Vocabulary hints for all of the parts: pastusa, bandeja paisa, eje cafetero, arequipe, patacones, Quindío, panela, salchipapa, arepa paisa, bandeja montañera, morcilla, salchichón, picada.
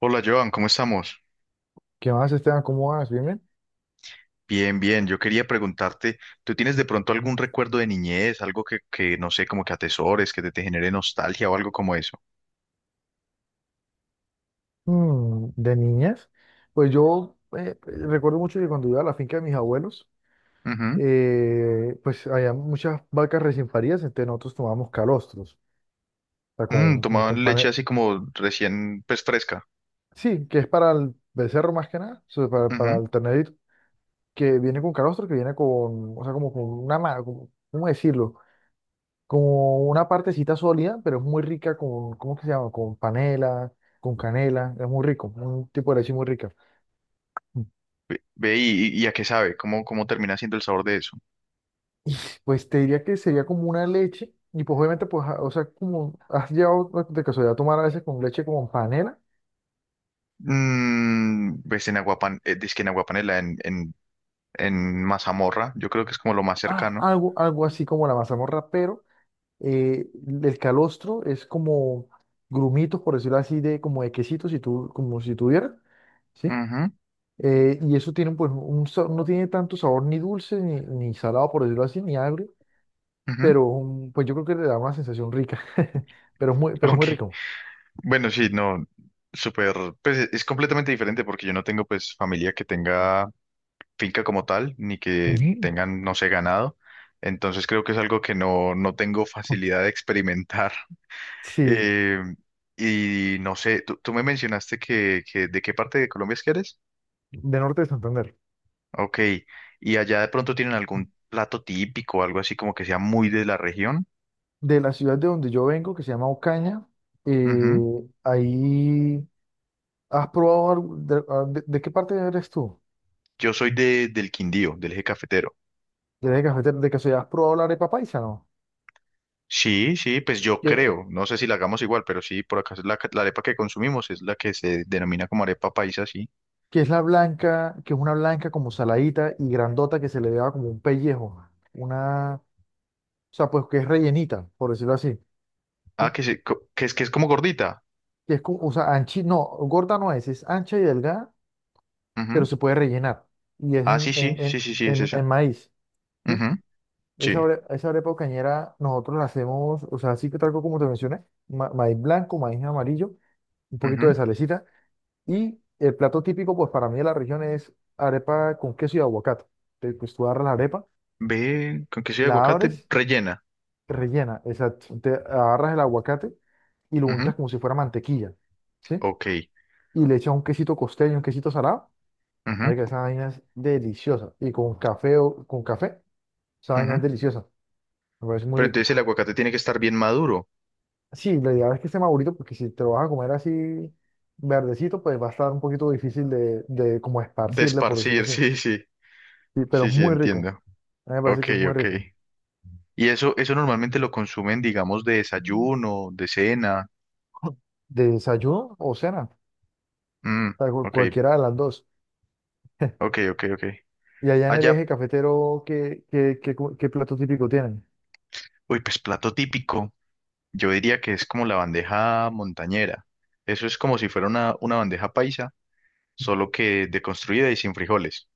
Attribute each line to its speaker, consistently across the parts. Speaker 1: Hola Joan, ¿cómo estamos?
Speaker 2: ¿Qué más, Esteban? ¿Cómo vas? ¿Bien, bien?
Speaker 1: Bien, bien. Yo quería preguntarte, ¿tú tienes de pronto algún recuerdo de niñez, algo que no sé, como que atesores, que te genere nostalgia o algo como eso?
Speaker 2: ¿De niñas? Pues yo recuerdo mucho que cuando iba a la finca de mis abuelos,
Speaker 1: Ujú.
Speaker 2: pues había muchas vacas recién paridas, entonces nosotros tomábamos calostros, o sea,
Speaker 1: Mm,
Speaker 2: como con
Speaker 1: tomaban leche así como recién, pues fresca.
Speaker 2: sí, que es para el becerro más que nada, o sea, para
Speaker 1: Ujú.
Speaker 2: el ternerito, que viene con calostro, que viene con, o sea, como con una, ¿cómo decirlo? Como una partecita sólida, pero es muy rica con, ¿cómo que se llama? Con panela, con canela, es muy rico, un tipo de leche muy rica.
Speaker 1: Ve, ve y a qué sabe, ¿cómo termina siendo el sabor de eso?
Speaker 2: Y pues te diría que sería como una leche y pues obviamente pues, o sea, como has llegado de casualidad a tomar a veces con leche como panela,
Speaker 1: Mm, pues en aguapan, dizque en aguapanela, en mazamorra, yo creo que es como lo más cercano.
Speaker 2: algo así como la mazamorra, pero el calostro es como grumitos, por decirlo así, de como de quesito, si tú, como si tuvieras, ¿sí?
Speaker 1: Ujú,
Speaker 2: Y eso tiene pues un, no tiene tanto sabor ni dulce, ni salado, por decirlo así, ni agrio,
Speaker 1: ujú.
Speaker 2: pero pues yo creo que le da una sensación rica, pero es
Speaker 1: Ok.
Speaker 2: muy rico.
Speaker 1: Bueno, sí, no, súper, pues es completamente diferente porque yo no tengo pues familia que tenga finca como tal, ni que
Speaker 2: Ujú.
Speaker 1: tengan, no sé, ganado. Entonces creo que es algo que no, no tengo facilidad de experimentar.
Speaker 2: Sí,
Speaker 1: Eh, y no sé, tú me mencionaste que de qué parte de Colombia es que eres.
Speaker 2: de Norte de Santander.
Speaker 1: Ok, y allá de pronto tienen algún plato típico, algo así como que sea muy de la región.
Speaker 2: De la ciudad de donde yo vengo, que se llama Ocaña. eh,
Speaker 1: Ujú.
Speaker 2: ahí has probado, ¿de qué parte eres tú?
Speaker 1: Yo soy de, del Quindío, del eje cafetero.
Speaker 2: ¿De, cafetero? ¿De casualidad has probado la arepa paisa, no?
Speaker 1: Sí, sí, pues yo
Speaker 2: Que,
Speaker 1: creo, no sé si la hagamos igual, pero sí, por acá es la, la arepa que consumimos es la que se denomina como arepa paisa, sí.
Speaker 2: que es la blanca, que es una blanca como saladita y grandota que se le da como un pellejo. Una, o sea, pues que es rellenita, por decirlo así. ¿Sí?
Speaker 1: Ah, que es como gordita.
Speaker 2: Que es como, o sea, anchi, no, gorda no es, es ancha y delgada, pero
Speaker 1: Ujú.
Speaker 2: se puede rellenar. Y es
Speaker 1: Ah, sí, sí, sí, sí, sí, es esa.
Speaker 2: en maíz. ¿Sí?
Speaker 1: Ujú, sí.
Speaker 2: Esa, esa arepa cañera nosotros la hacemos, o sea, así que tal cual como te mencioné, maíz blanco, maíz amarillo, un poquito
Speaker 1: Ujú.
Speaker 2: de salecita y el plato típico pues para mí de la región es arepa con queso y aguacate. Entonces, pues tú agarras la arepa,
Speaker 1: Ve, con queso y
Speaker 2: la
Speaker 1: aguacate
Speaker 2: abres,
Speaker 1: rellena.
Speaker 2: rellena, exacto, te agarras el aguacate y lo
Speaker 1: Ujú,
Speaker 2: untas como si fuera mantequilla, ¿sí?
Speaker 1: ok.
Speaker 2: Y le echas un quesito costeño, un quesito salado,
Speaker 1: Ujú,
Speaker 2: marica, esa vaina es deliciosa y con café o con café, esa vaina es
Speaker 1: ujú.
Speaker 2: deliciosa, me parece muy
Speaker 1: Pero
Speaker 2: rico.
Speaker 1: entonces el aguacate tiene que estar bien maduro.
Speaker 2: Sí, la idea es que esté madurito, porque si te lo vas a comer así verdecito, pues va a estar un poquito difícil de como esparcirle, por decirlo
Speaker 1: Desparcir,
Speaker 2: así.
Speaker 1: sí, sí,
Speaker 2: Sí, pero
Speaker 1: sí,
Speaker 2: es
Speaker 1: sí,
Speaker 2: muy rico.
Speaker 1: entiendo.
Speaker 2: A mí me parece
Speaker 1: Ok,
Speaker 2: que es muy
Speaker 1: ok.
Speaker 2: rico.
Speaker 1: Y eso normalmente lo consumen, digamos, de desayuno, de cena.
Speaker 2: ¿De desayuno o cena?
Speaker 1: Mm,
Speaker 2: O sea,
Speaker 1: ok,
Speaker 2: cualquiera de las dos.
Speaker 1: ok, ok, ok.
Speaker 2: Y allá en el
Speaker 1: Allá,
Speaker 2: eje cafetero, ¿qué, qué plato típico tienen?
Speaker 1: uy, pues plato típico. Yo diría que es como la bandeja montañera. Eso es como si fuera una bandeja paisa, solo que deconstruida y sin frijoles.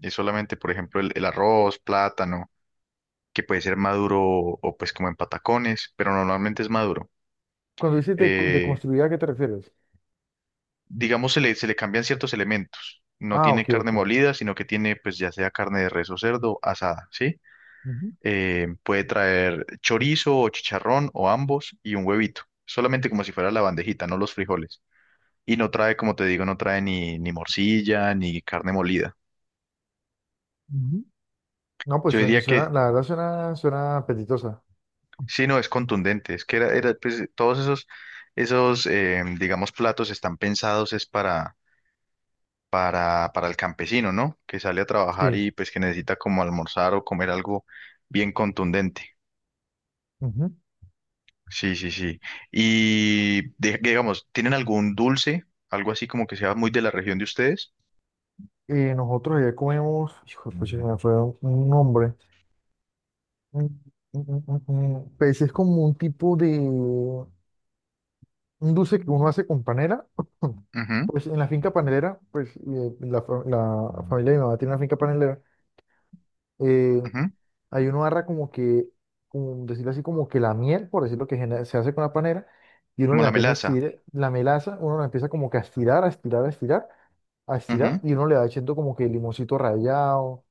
Speaker 1: Es solamente, por ejemplo, el arroz, plátano, que puede ser maduro pues como en patacones, pero normalmente es maduro.
Speaker 2: Cuando dices de
Speaker 1: Eh,
Speaker 2: construir, ¿a qué te refieres?
Speaker 1: digamos, se le cambian ciertos elementos. No
Speaker 2: Ah,
Speaker 1: tiene
Speaker 2: ok,
Speaker 1: carne
Speaker 2: ok.
Speaker 1: molida, sino que tiene pues ya sea carne de res o cerdo asada, ¿sí?
Speaker 2: Ujú,
Speaker 1: Puede traer chorizo o chicharrón o ambos y un huevito, solamente como si fuera la bandejita, no los frijoles. Y no trae, como te digo, no trae ni morcilla ni carne molida.
Speaker 2: ujú. No, pues
Speaker 1: Yo
Speaker 2: suena,
Speaker 1: diría que
Speaker 2: la verdad suena, suena apetitosa.
Speaker 1: sí, no es contundente, es que pues, todos esos digamos, platos están pensados es para, para el campesino, ¿no? Que sale a trabajar
Speaker 2: Sí.
Speaker 1: y pues que necesita como almorzar o comer algo bien contundente. Sí, sí, sí. Y de- digamos, ¿tienen algún dulce? Algo así como que sea muy de la región de ustedes.
Speaker 2: Nosotros allá comemos, hijo de pucha, se me fue un nombre, Mm, mm, mm. Pues es como un tipo de, un dulce que uno hace con panela,
Speaker 1: Ujú,
Speaker 2: pues en la finca panelera, pues la familia de mi mamá tiene una finca panelera, eh,
Speaker 1: ujú.
Speaker 2: ahí uno agarra como que, como decirlo así, como que la miel, por decirlo que se hace con la panela, y uno
Speaker 1: Como
Speaker 2: la
Speaker 1: la
Speaker 2: empieza a
Speaker 1: melaza.
Speaker 2: estirar, la melaza, uno la empieza como que a estirar, a estirar, a estirar, a
Speaker 1: Ujú,
Speaker 2: estirar, y uno le va echando como que limoncito rallado,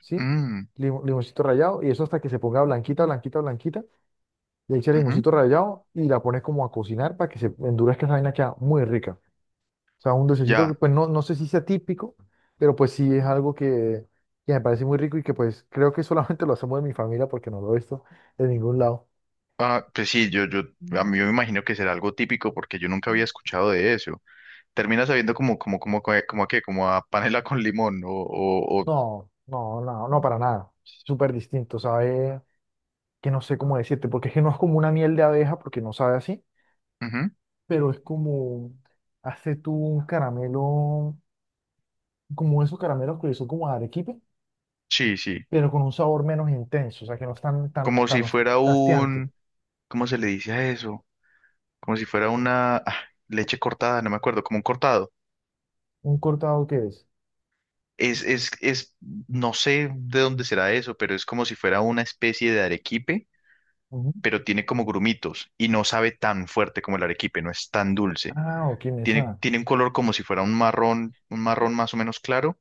Speaker 2: ¿sí?
Speaker 1: mm,
Speaker 2: Limoncito rallado y eso hasta que se ponga blanquita, blanquita, blanquita. Le echas
Speaker 1: ujú.
Speaker 2: limoncito rallado y la pones como a cocinar para que se endurezca, esa vaina queda muy rica. O sea, un dulcecito que
Speaker 1: Ya.
Speaker 2: pues no, no sé si sea típico, pero pues sí es algo que me parece muy rico y que pues creo que solamente lo hacemos en mi familia porque no lo he visto de ningún lado.
Speaker 1: Ah, pues sí, yo, a mí me imagino que será algo típico porque yo nunca había escuchado de eso. Termina sabiendo como a qué, como a panela con limón
Speaker 2: No, no, no, no para nada. Súper distinto, sabe que no sé cómo decirte, porque es que no es como una miel de abeja porque no sabe así,
Speaker 1: ujú.
Speaker 2: pero es como hace tú un caramelo, como esos caramelos que son como arequipe,
Speaker 1: Sí, sí.
Speaker 2: pero con un sabor menos intenso, o sea, que no es tan, tan,
Speaker 1: Como si
Speaker 2: tan
Speaker 1: fuera
Speaker 2: hastiante.
Speaker 1: un, ¿cómo se le dice a eso? Como si fuera una leche cortada, no me acuerdo, como un cortado.
Speaker 2: ¿Un cortado que es?
Speaker 1: Es, es, es, no sé de dónde será eso, pero es como si fuera una especie de arequipe,
Speaker 2: Ujú.
Speaker 1: pero tiene como grumitos y no sabe tan fuerte como el arequipe, no es tan dulce.
Speaker 2: Ah, ok, me
Speaker 1: Tiene,
Speaker 2: suena.
Speaker 1: tiene un color como si fuera un marrón más o menos claro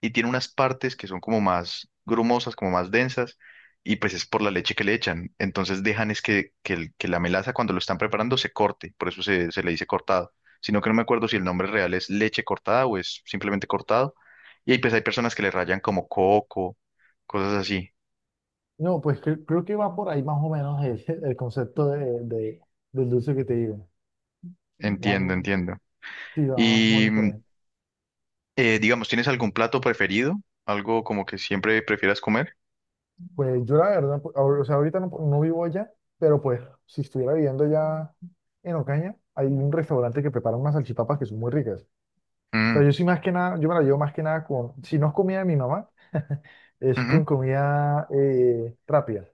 Speaker 1: y tiene unas partes que son como más grumosas, como más densas, y pues es por la leche que le echan. Entonces dejan es que la melaza cuando lo están preparando se corte, por eso se le dice cortado. Sino que no me acuerdo si el nombre real es leche cortada o es simplemente cortado. Y ahí pues hay personas que le rayan como coco, cosas así.
Speaker 2: No, pues creo que va por ahí más o menos el, el concepto de, del dulce que te digo.
Speaker 1: Entiendo,
Speaker 2: Vamos,
Speaker 1: entiendo.
Speaker 2: sí, va más o
Speaker 1: Y
Speaker 2: menos por ahí.
Speaker 1: digamos, ¿tienes algún plato preferido? ¿Algo como que siempre prefieras comer?
Speaker 2: Pues yo la verdad, pues, o sea, ahorita no, no vivo allá, pero pues si estuviera viviendo allá en Ocaña, hay un restaurante que prepara unas salchipapas que son muy ricas. O sea,
Speaker 1: Mm,
Speaker 2: yo sí más que nada, yo me la llevo más que nada con, si no es comida de mi mamá, es
Speaker 1: ujú,
Speaker 2: con comida rápida.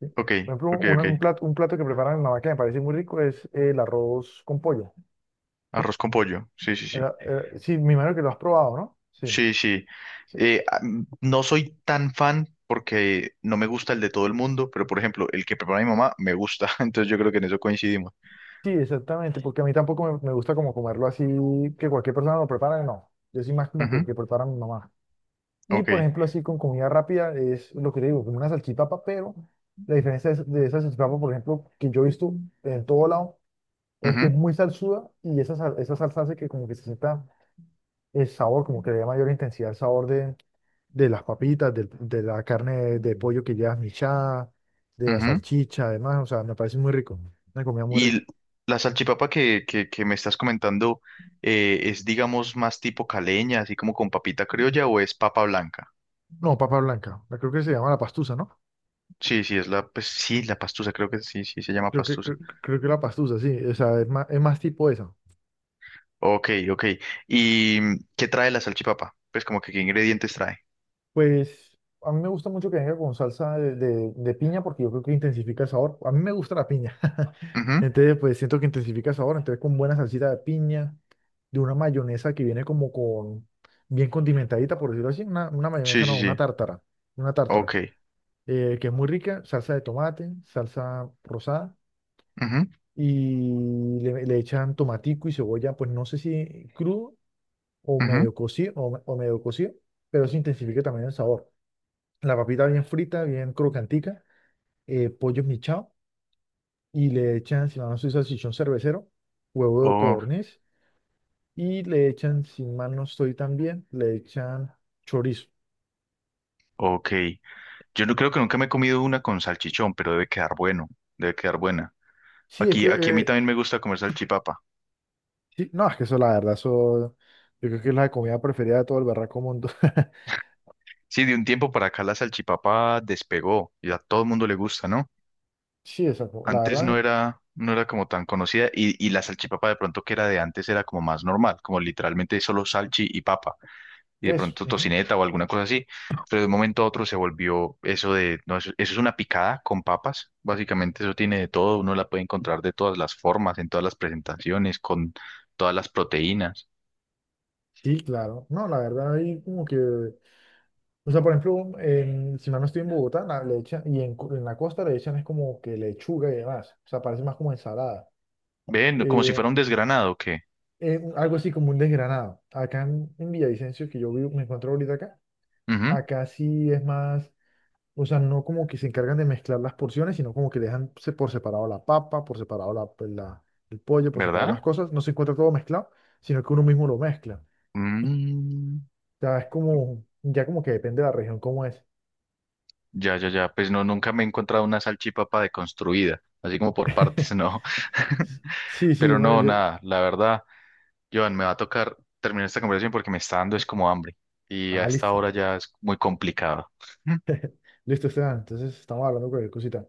Speaker 2: ¿Sí?
Speaker 1: ok,
Speaker 2: Por ejemplo,
Speaker 1: ok, ok.
Speaker 2: un plato que prepara mi mamá que me parece muy rico es el arroz con pollo. ¿Sí?
Speaker 1: Arroz con pollo. Sí, sí, sí.
Speaker 2: Sí, me imagino que lo has probado, ¿no? Sí.
Speaker 1: Sí, sí.
Speaker 2: Sí,
Speaker 1: No soy tan fan porque no me gusta el de todo el mundo, pero por ejemplo, el que prepara mi mamá me gusta, entonces yo creo que en eso coincidimos.
Speaker 2: sí, exactamente, porque a mí tampoco me gusta como comerlo así, que cualquier persona lo prepara, no. Yo sí más como
Speaker 1: Ujú,
Speaker 2: que prepara mi mamá. Y
Speaker 1: ok.
Speaker 2: por ejemplo, así con comida rápida es lo que te digo, como una salchipapa, pero la diferencia de esa salchipapa, por ejemplo, que yo he visto en todo lado, es que
Speaker 1: Ujú,
Speaker 2: es muy salsuda y esa, esa salsa hace que como que se sienta el sabor, como que le da mayor intensidad al sabor de las papitas, la carne de pollo que llevas michada, de la
Speaker 1: ujú.
Speaker 2: salchicha, además, o sea, me parece muy rico, una comida muy
Speaker 1: Y
Speaker 2: rica.
Speaker 1: la salchipapa que me estás comentando es, digamos, más tipo caleña, así como con papita criolla o es papa blanca.
Speaker 2: No, papa blanca, creo que se llama la pastusa, ¿no?
Speaker 1: Sí, sí, es la, pues sí, la pastusa, creo que sí, sí, se llama
Speaker 2: Creo que,
Speaker 1: pastusa.
Speaker 2: creo, creo que la pastusa, sí, o sea, es más tipo esa.
Speaker 1: Ok, ok. ¿Y qué trae la salchipapa? Pues como que qué ingredientes trae.
Speaker 2: Pues a mí me gusta mucho que venga con salsa de piña porque yo creo que intensifica el sabor. A mí me gusta la piña.
Speaker 1: Ujú.
Speaker 2: Entonces, pues siento que intensifica el sabor. Entonces, con buena salsita de piña, de una mayonesa que viene como con, bien condimentadita, por decirlo así. Una
Speaker 1: Sí,
Speaker 2: mayonesa,
Speaker 1: sí,
Speaker 2: no,
Speaker 1: sí.
Speaker 2: una tártara. Una tártara.
Speaker 1: Ok.
Speaker 2: Que es muy rica, salsa de tomate, salsa rosada.
Speaker 1: Ujú,
Speaker 2: Y le echan tomatico y cebolla, pues no sé si crudo o
Speaker 1: ujú.
Speaker 2: medio cocido, o medio cocido, pero eso intensifica también el sabor, la papita bien frita, bien crocantica, pollo esmechado, y le echan, si mal no estoy, salchichón cervecero, huevo de
Speaker 1: Oh,
Speaker 2: codorniz, y le echan, si mal no estoy también, le echan chorizo.
Speaker 1: ok. Yo no creo que nunca me he comido una con salchichón, pero debe quedar bueno, debe quedar buena.
Speaker 2: Sí, es
Speaker 1: Aquí,
Speaker 2: que,
Speaker 1: aquí a mí también me gusta comer salchipapa.
Speaker 2: sí, no, es que eso, la verdad, eso, yo creo que es la comida preferida de todo el berraco mundo.
Speaker 1: Sí, de un tiempo para acá la salchipapa despegó y a todo el mundo le gusta, ¿no?
Speaker 2: Sí, esa, la
Speaker 1: Antes no
Speaker 2: verdad,
Speaker 1: era, no era como tan conocida y la salchipapa de pronto que era de antes era como más normal, como literalmente solo salchi y papa. Y de
Speaker 2: eso.
Speaker 1: pronto
Speaker 2: Ujú.
Speaker 1: tocineta o alguna cosa así, pero de un momento a otro se volvió eso de, no, eso es una picada con papas, básicamente eso tiene de todo, uno la puede encontrar de todas las formas, en todas las presentaciones, con todas las proteínas.
Speaker 2: Sí, claro. No, la verdad, ahí como que, o sea, por ejemplo, si mal no estoy en Bogotá, la, le echan, y en, en la costa le echan es como que lechuga y demás, o sea, parece más como ensalada.
Speaker 1: Ven, como si
Speaker 2: eh,
Speaker 1: fuera un desgranado, ¿qué?
Speaker 2: algo así como un desgranado. Acá en Villavicencio, que yo vivo, me encuentro ahorita acá,
Speaker 1: Ujú,
Speaker 2: acá sí es más, o sea, no como que se encargan de mezclar las porciones, sino como que dejan por separado la papa, por separado el pollo, por separado
Speaker 1: ¿verdad?
Speaker 2: las cosas, no se encuentra todo mezclado, sino que uno mismo lo mezcla. O
Speaker 1: Mm,
Speaker 2: sea, es como, ya como que depende de la región cómo es.
Speaker 1: ya, ya, ya, pues no, nunca me he encontrado una salchipapa deconstruida, así como por partes, no.
Speaker 2: Sí, sí,
Speaker 1: Pero
Speaker 2: yo, me-
Speaker 1: no,
Speaker 2: yo,
Speaker 1: nada, la verdad. Joan, me va a tocar terminar esta conversación porque me está dando es como hambre y a
Speaker 2: ah,
Speaker 1: esta
Speaker 2: listo,
Speaker 1: hora ya es muy complicado.
Speaker 2: listo, Esteban, entonces estamos hablando de cualquier cosita.